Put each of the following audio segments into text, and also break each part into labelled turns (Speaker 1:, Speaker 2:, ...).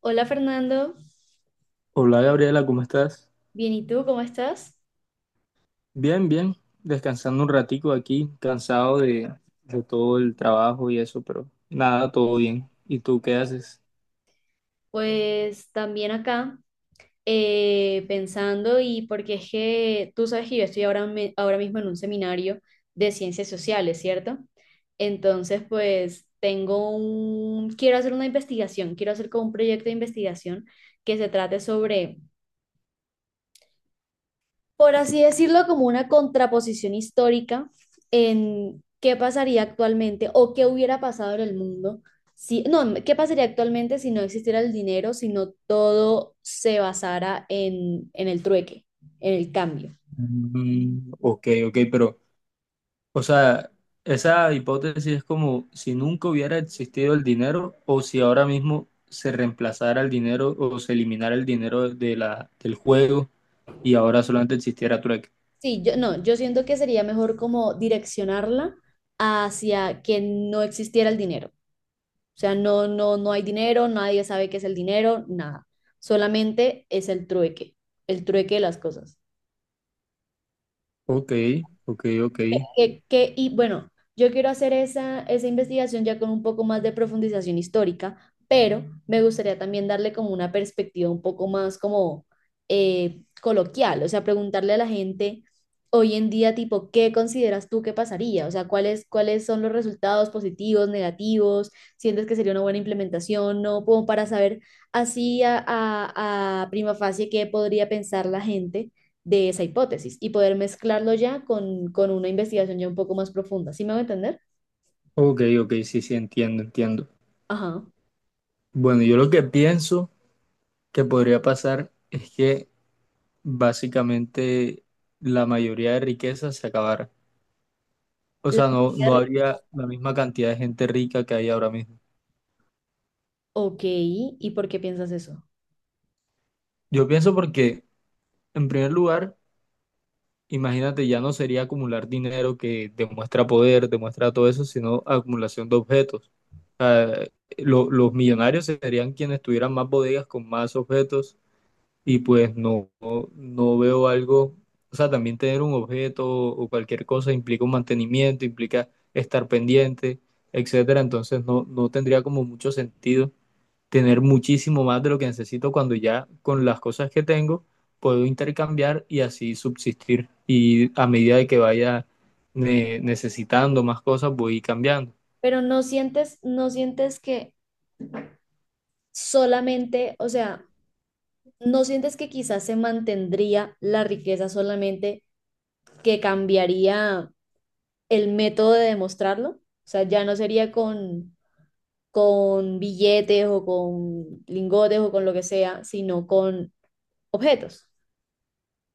Speaker 1: Hola Fernando,
Speaker 2: Hola Gabriela, ¿cómo estás?
Speaker 1: bien, ¿y tú cómo estás?
Speaker 2: Bien, bien, descansando un ratico aquí, cansado de todo el trabajo y eso, pero nada, todo bien. ¿Y tú qué haces?
Speaker 1: Pues también acá pensando porque es que tú sabes que yo estoy ahora mismo en un seminario de ciencias sociales, ¿cierto? Entonces, pues quiero hacer una investigación, quiero hacer como un proyecto de investigación que se trate sobre, por así decirlo, como una contraposición histórica en qué pasaría actualmente o qué hubiera pasado en el mundo si, no, qué pasaría actualmente si no existiera el dinero, si no todo se basara en el trueque, en el cambio.
Speaker 2: Ok, ok, pero, o sea, esa hipótesis es como si nunca hubiera existido el dinero o si ahora mismo se reemplazara el dinero o se eliminara el dinero de la, del juego y ahora solamente existiera trueque.
Speaker 1: Sí, yo no, yo siento que sería mejor como direccionarla hacia que no existiera el dinero. O sea, no, no, no hay dinero, nadie sabe qué es el dinero, nada. Solamente es el trueque de las cosas.
Speaker 2: Ok, ok, ok,
Speaker 1: Y bueno, yo quiero hacer esa investigación ya con un poco más de profundización histórica, pero me gustaría también darle como una perspectiva un poco más como coloquial. O sea, preguntarle a la gente hoy en día, tipo, ¿qué consideras tú que pasaría? O sea, cuáles son los resultados positivos, negativos? ¿Sientes que sería una buena implementación? No, como para saber así a prima facie qué podría pensar la gente de esa hipótesis y poder mezclarlo ya con una investigación ya un poco más profunda. ¿Sí me va a entender?
Speaker 2: ok, ok, sí, sí, entiendo, entiendo.
Speaker 1: Ajá.
Speaker 2: Bueno, yo lo que pienso que podría pasar es que básicamente la mayoría de riquezas se acabara. O
Speaker 1: La
Speaker 2: sea, no,
Speaker 1: teoría
Speaker 2: no
Speaker 1: de Ric-
Speaker 2: habría la misma cantidad de gente rica que hay ahora mismo.
Speaker 1: Ok, ¿y por qué piensas eso?
Speaker 2: Yo pienso porque, en primer lugar, imagínate, ya no sería acumular dinero que demuestra poder, demuestra todo eso, sino acumulación de objetos. O sea, los millonarios serían quienes tuvieran más bodegas con más objetos y pues no, no no veo algo, o sea, también tener un objeto o cualquier cosa implica un mantenimiento, implica estar pendiente, etcétera, entonces no, no tendría como mucho sentido tener muchísimo más de lo que necesito cuando ya con las cosas que tengo puedo intercambiar y así subsistir y a medida de que vaya necesitando más cosas voy cambiando.
Speaker 1: Pero no sientes, no sientes que solamente, o sea, no sientes que quizás se mantendría la riqueza, solamente que cambiaría el método de demostrarlo. O sea, ya no sería con billetes o con lingotes o con lo que sea, sino con objetos.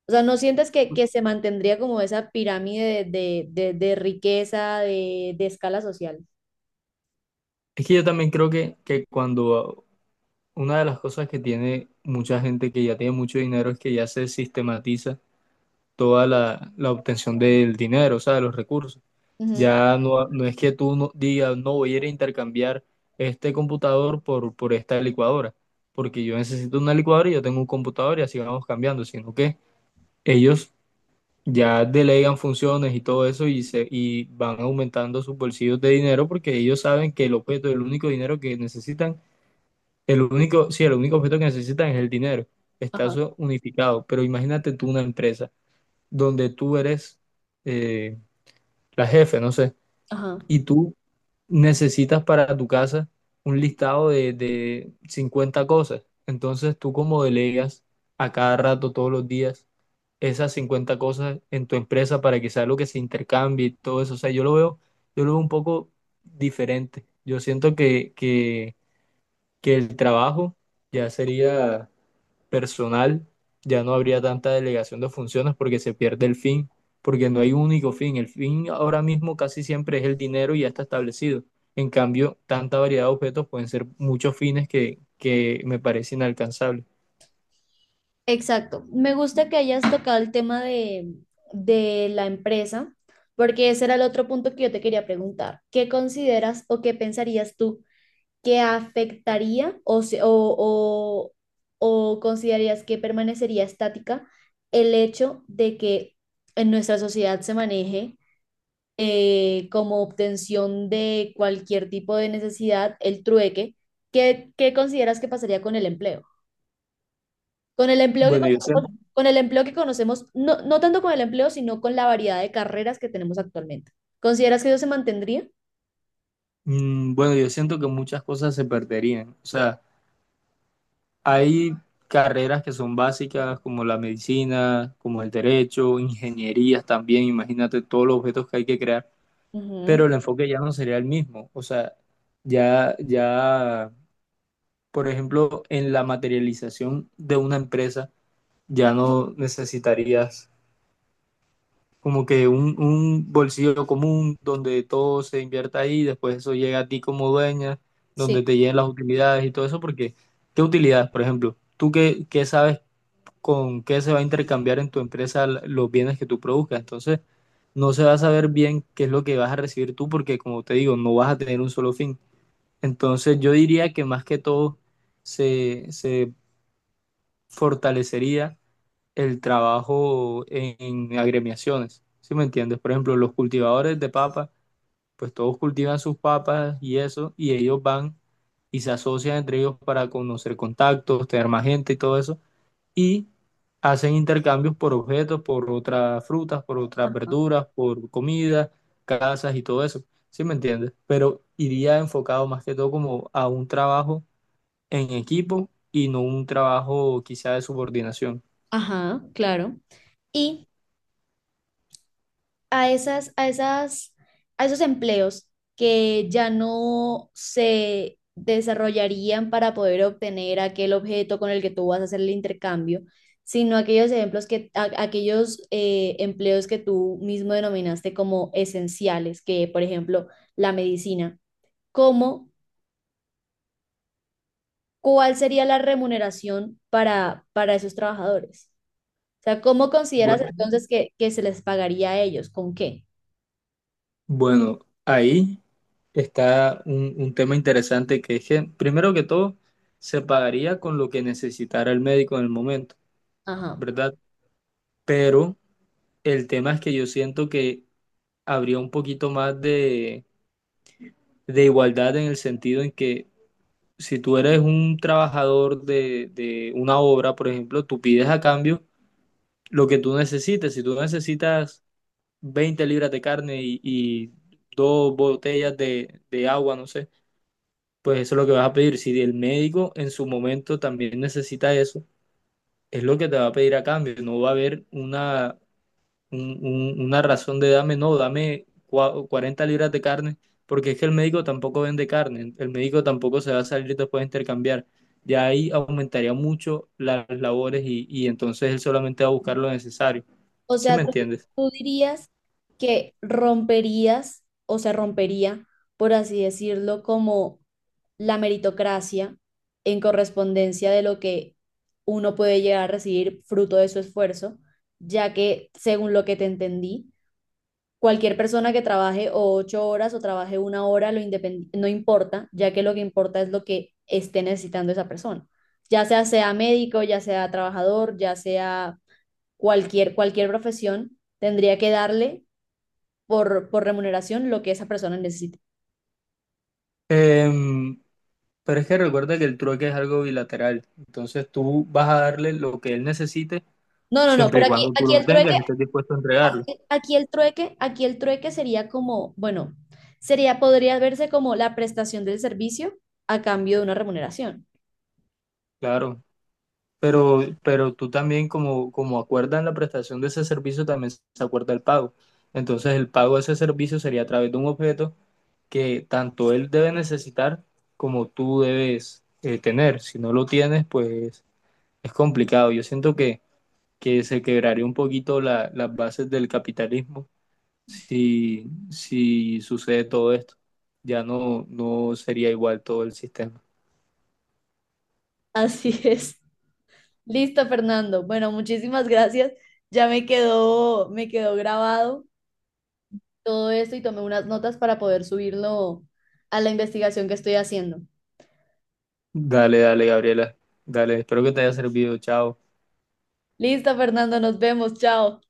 Speaker 1: O sea, ¿no sientes que se mantendría como esa pirámide de riqueza, de escala social?
Speaker 2: Es que yo también creo que, cuando una de las cosas que tiene mucha gente que ya tiene mucho dinero es que ya se sistematiza toda la obtención del dinero, o sea, de los recursos.
Speaker 1: Ujú.
Speaker 2: Ya no, no es que tú no, digas, no voy a ir a intercambiar este computador por esta licuadora, porque yo necesito una licuadora y yo tengo un computador y así vamos cambiando, sino que ellos ya delegan funciones y todo eso y, se, y van aumentando sus bolsillos de dinero porque ellos saben que el objeto, el único dinero que necesitan el único, sí, el único objeto que necesitan es el dinero. Está
Speaker 1: Ajá,
Speaker 2: eso unificado. Pero imagínate tú una empresa donde tú eres eh, la jefe, no sé,
Speaker 1: ajá.
Speaker 2: y tú necesitas para tu casa un listado de 50 cosas. Entonces tú como delegas a cada rato, todos los días, esas 50 cosas en tu empresa para que sea lo que se intercambie y todo eso. O sea, yo lo veo un poco diferente. Yo siento que el trabajo ya sería personal, ya no habría tanta delegación de funciones porque se pierde el fin, porque no hay un único fin. El fin ahora mismo casi siempre es el dinero y ya está establecido. En cambio, tanta variedad de objetos pueden ser muchos fines que me parece inalcanzable.
Speaker 1: Exacto. Me gusta que hayas tocado el tema de la empresa, porque ese era el otro punto que yo te quería preguntar. ¿Qué consideras o qué pensarías tú que afectaría o considerarías que permanecería estática el hecho de que en nuestra sociedad se maneje, como obtención de cualquier tipo de necesidad, el trueque? ¿Qué, qué consideras que pasaría con el empleo? Con el empleo que
Speaker 2: Bueno, yo siento,
Speaker 1: conocemos, con el empleo que conocemos. No, no tanto con el empleo, sino con la variedad de carreras que tenemos actualmente. ¿Consideras que eso se mantendría?
Speaker 2: bueno, yo siento que muchas cosas se perderían. O sea, hay carreras que son básicas como la medicina, como el derecho, ingenierías también. Imagínate todos los objetos que hay que crear,
Speaker 1: Ujú,
Speaker 2: pero el enfoque ya no sería el mismo. O sea, ya, ya, por ejemplo, en la materialización de una empresa, ya no necesitarías como que un bolsillo común donde todo se invierta ahí, después eso llega a ti como dueña,
Speaker 1: sí.
Speaker 2: donde te lleguen las utilidades y todo eso, porque ¿qué utilidades, por ejemplo? ¿Tú qué, qué sabes con qué se va a intercambiar en tu empresa los bienes que tú produzcas? Entonces, no se va a saber bien qué es lo que vas a recibir tú, porque como te digo, no vas a tener un solo fin. Entonces yo diría que más que todo se, se fortalecería el trabajo en agremiaciones, ¿sí me entiendes? Por ejemplo, los cultivadores de papas, pues todos cultivan sus papas y eso, y ellos van y se asocian entre ellos para conocer contactos, tener más gente y todo eso, y hacen intercambios por objetos, por otras frutas, por otras
Speaker 1: Ajá.
Speaker 2: verduras, por comida, casas y todo eso, ¿sí me entiendes? Pero iría enfocado más que todo como a un trabajo en equipo y no un trabajo quizá de subordinación.
Speaker 1: Ajá, claro. Y a esas, a esas, a esos empleos que ya no se desarrollarían para poder obtener aquel objeto con el que tú vas a hacer el intercambio, sino aquellos ejemplos que, aquellos empleos que tú mismo denominaste como esenciales, que por ejemplo la medicina, ¿cómo, cuál sería la remuneración para esos trabajadores? O sea, ¿cómo consideras
Speaker 2: Bueno,
Speaker 1: entonces que se les pagaría a ellos? ¿Con qué?
Speaker 2: Bueno, ahí está un tema interesante que es que, primero que todo, se pagaría con lo que necesitara el médico en el momento,
Speaker 1: Ajá.
Speaker 2: ¿verdad? Pero el tema es que yo siento que habría un poquito más de igualdad en el sentido en que si tú eres un trabajador de una obra, por ejemplo, tú pides a cambio lo que tú necesites. Si tú necesitas 20 libras de carne y dos botellas de agua, no sé, pues eso es lo que vas a pedir. Si el médico en su momento también necesita eso, es lo que te va a pedir a cambio. No va a haber una razón de dame, no, dame 40 libras de carne, porque es que el médico tampoco vende carne, el médico tampoco se va a salir después de intercambiar. Ya ahí aumentaría mucho las labores y entonces él solamente va a buscar lo necesario.
Speaker 1: O
Speaker 2: ¿Sí
Speaker 1: sea,
Speaker 2: me
Speaker 1: ¿tú,
Speaker 2: entiendes?
Speaker 1: tú dirías que romperías o se rompería, por así decirlo, como la meritocracia en correspondencia de lo que uno puede llegar a recibir fruto de su esfuerzo, ya que, según lo que te entendí, cualquier persona que trabaje o ocho horas o trabaje una hora no importa, ya que lo que importa es lo que esté necesitando esa persona, ya sea sea médico, ya sea trabajador, ya sea cualquier, cualquier profesión, tendría que darle por remuneración lo que esa persona necesite.
Speaker 2: Em, Pero es que recuerda que el trueque es algo bilateral. Entonces tú vas a darle lo que él necesite
Speaker 1: No, no, no,
Speaker 2: siempre y
Speaker 1: pero
Speaker 2: cuando tú lo tengas y estés dispuesto a entregarlo.
Speaker 1: aquí el trueque sería como, bueno, sería, podría verse como la prestación del servicio a cambio de una remuneración.
Speaker 2: Claro. Pero tú también, como, como acuerdan la prestación de ese servicio, también se acuerda el pago. Entonces el pago de ese servicio sería a través de un objeto que tanto él debe necesitar como tú debes tener. Si no lo tienes, pues es complicado. Yo siento que, se quebraría un poquito las bases del capitalismo si, si sucede todo esto. Ya no, no sería igual todo el sistema.
Speaker 1: Así es. Listo, Fernando. Bueno, muchísimas gracias. Ya me quedó grabado todo esto y tomé unas notas para poder subirlo a la investigación que estoy haciendo.
Speaker 2: Dale, dale, Gabriela. Dale, espero que te haya servido. Chao.
Speaker 1: Listo, Fernando, nos vemos. Chao.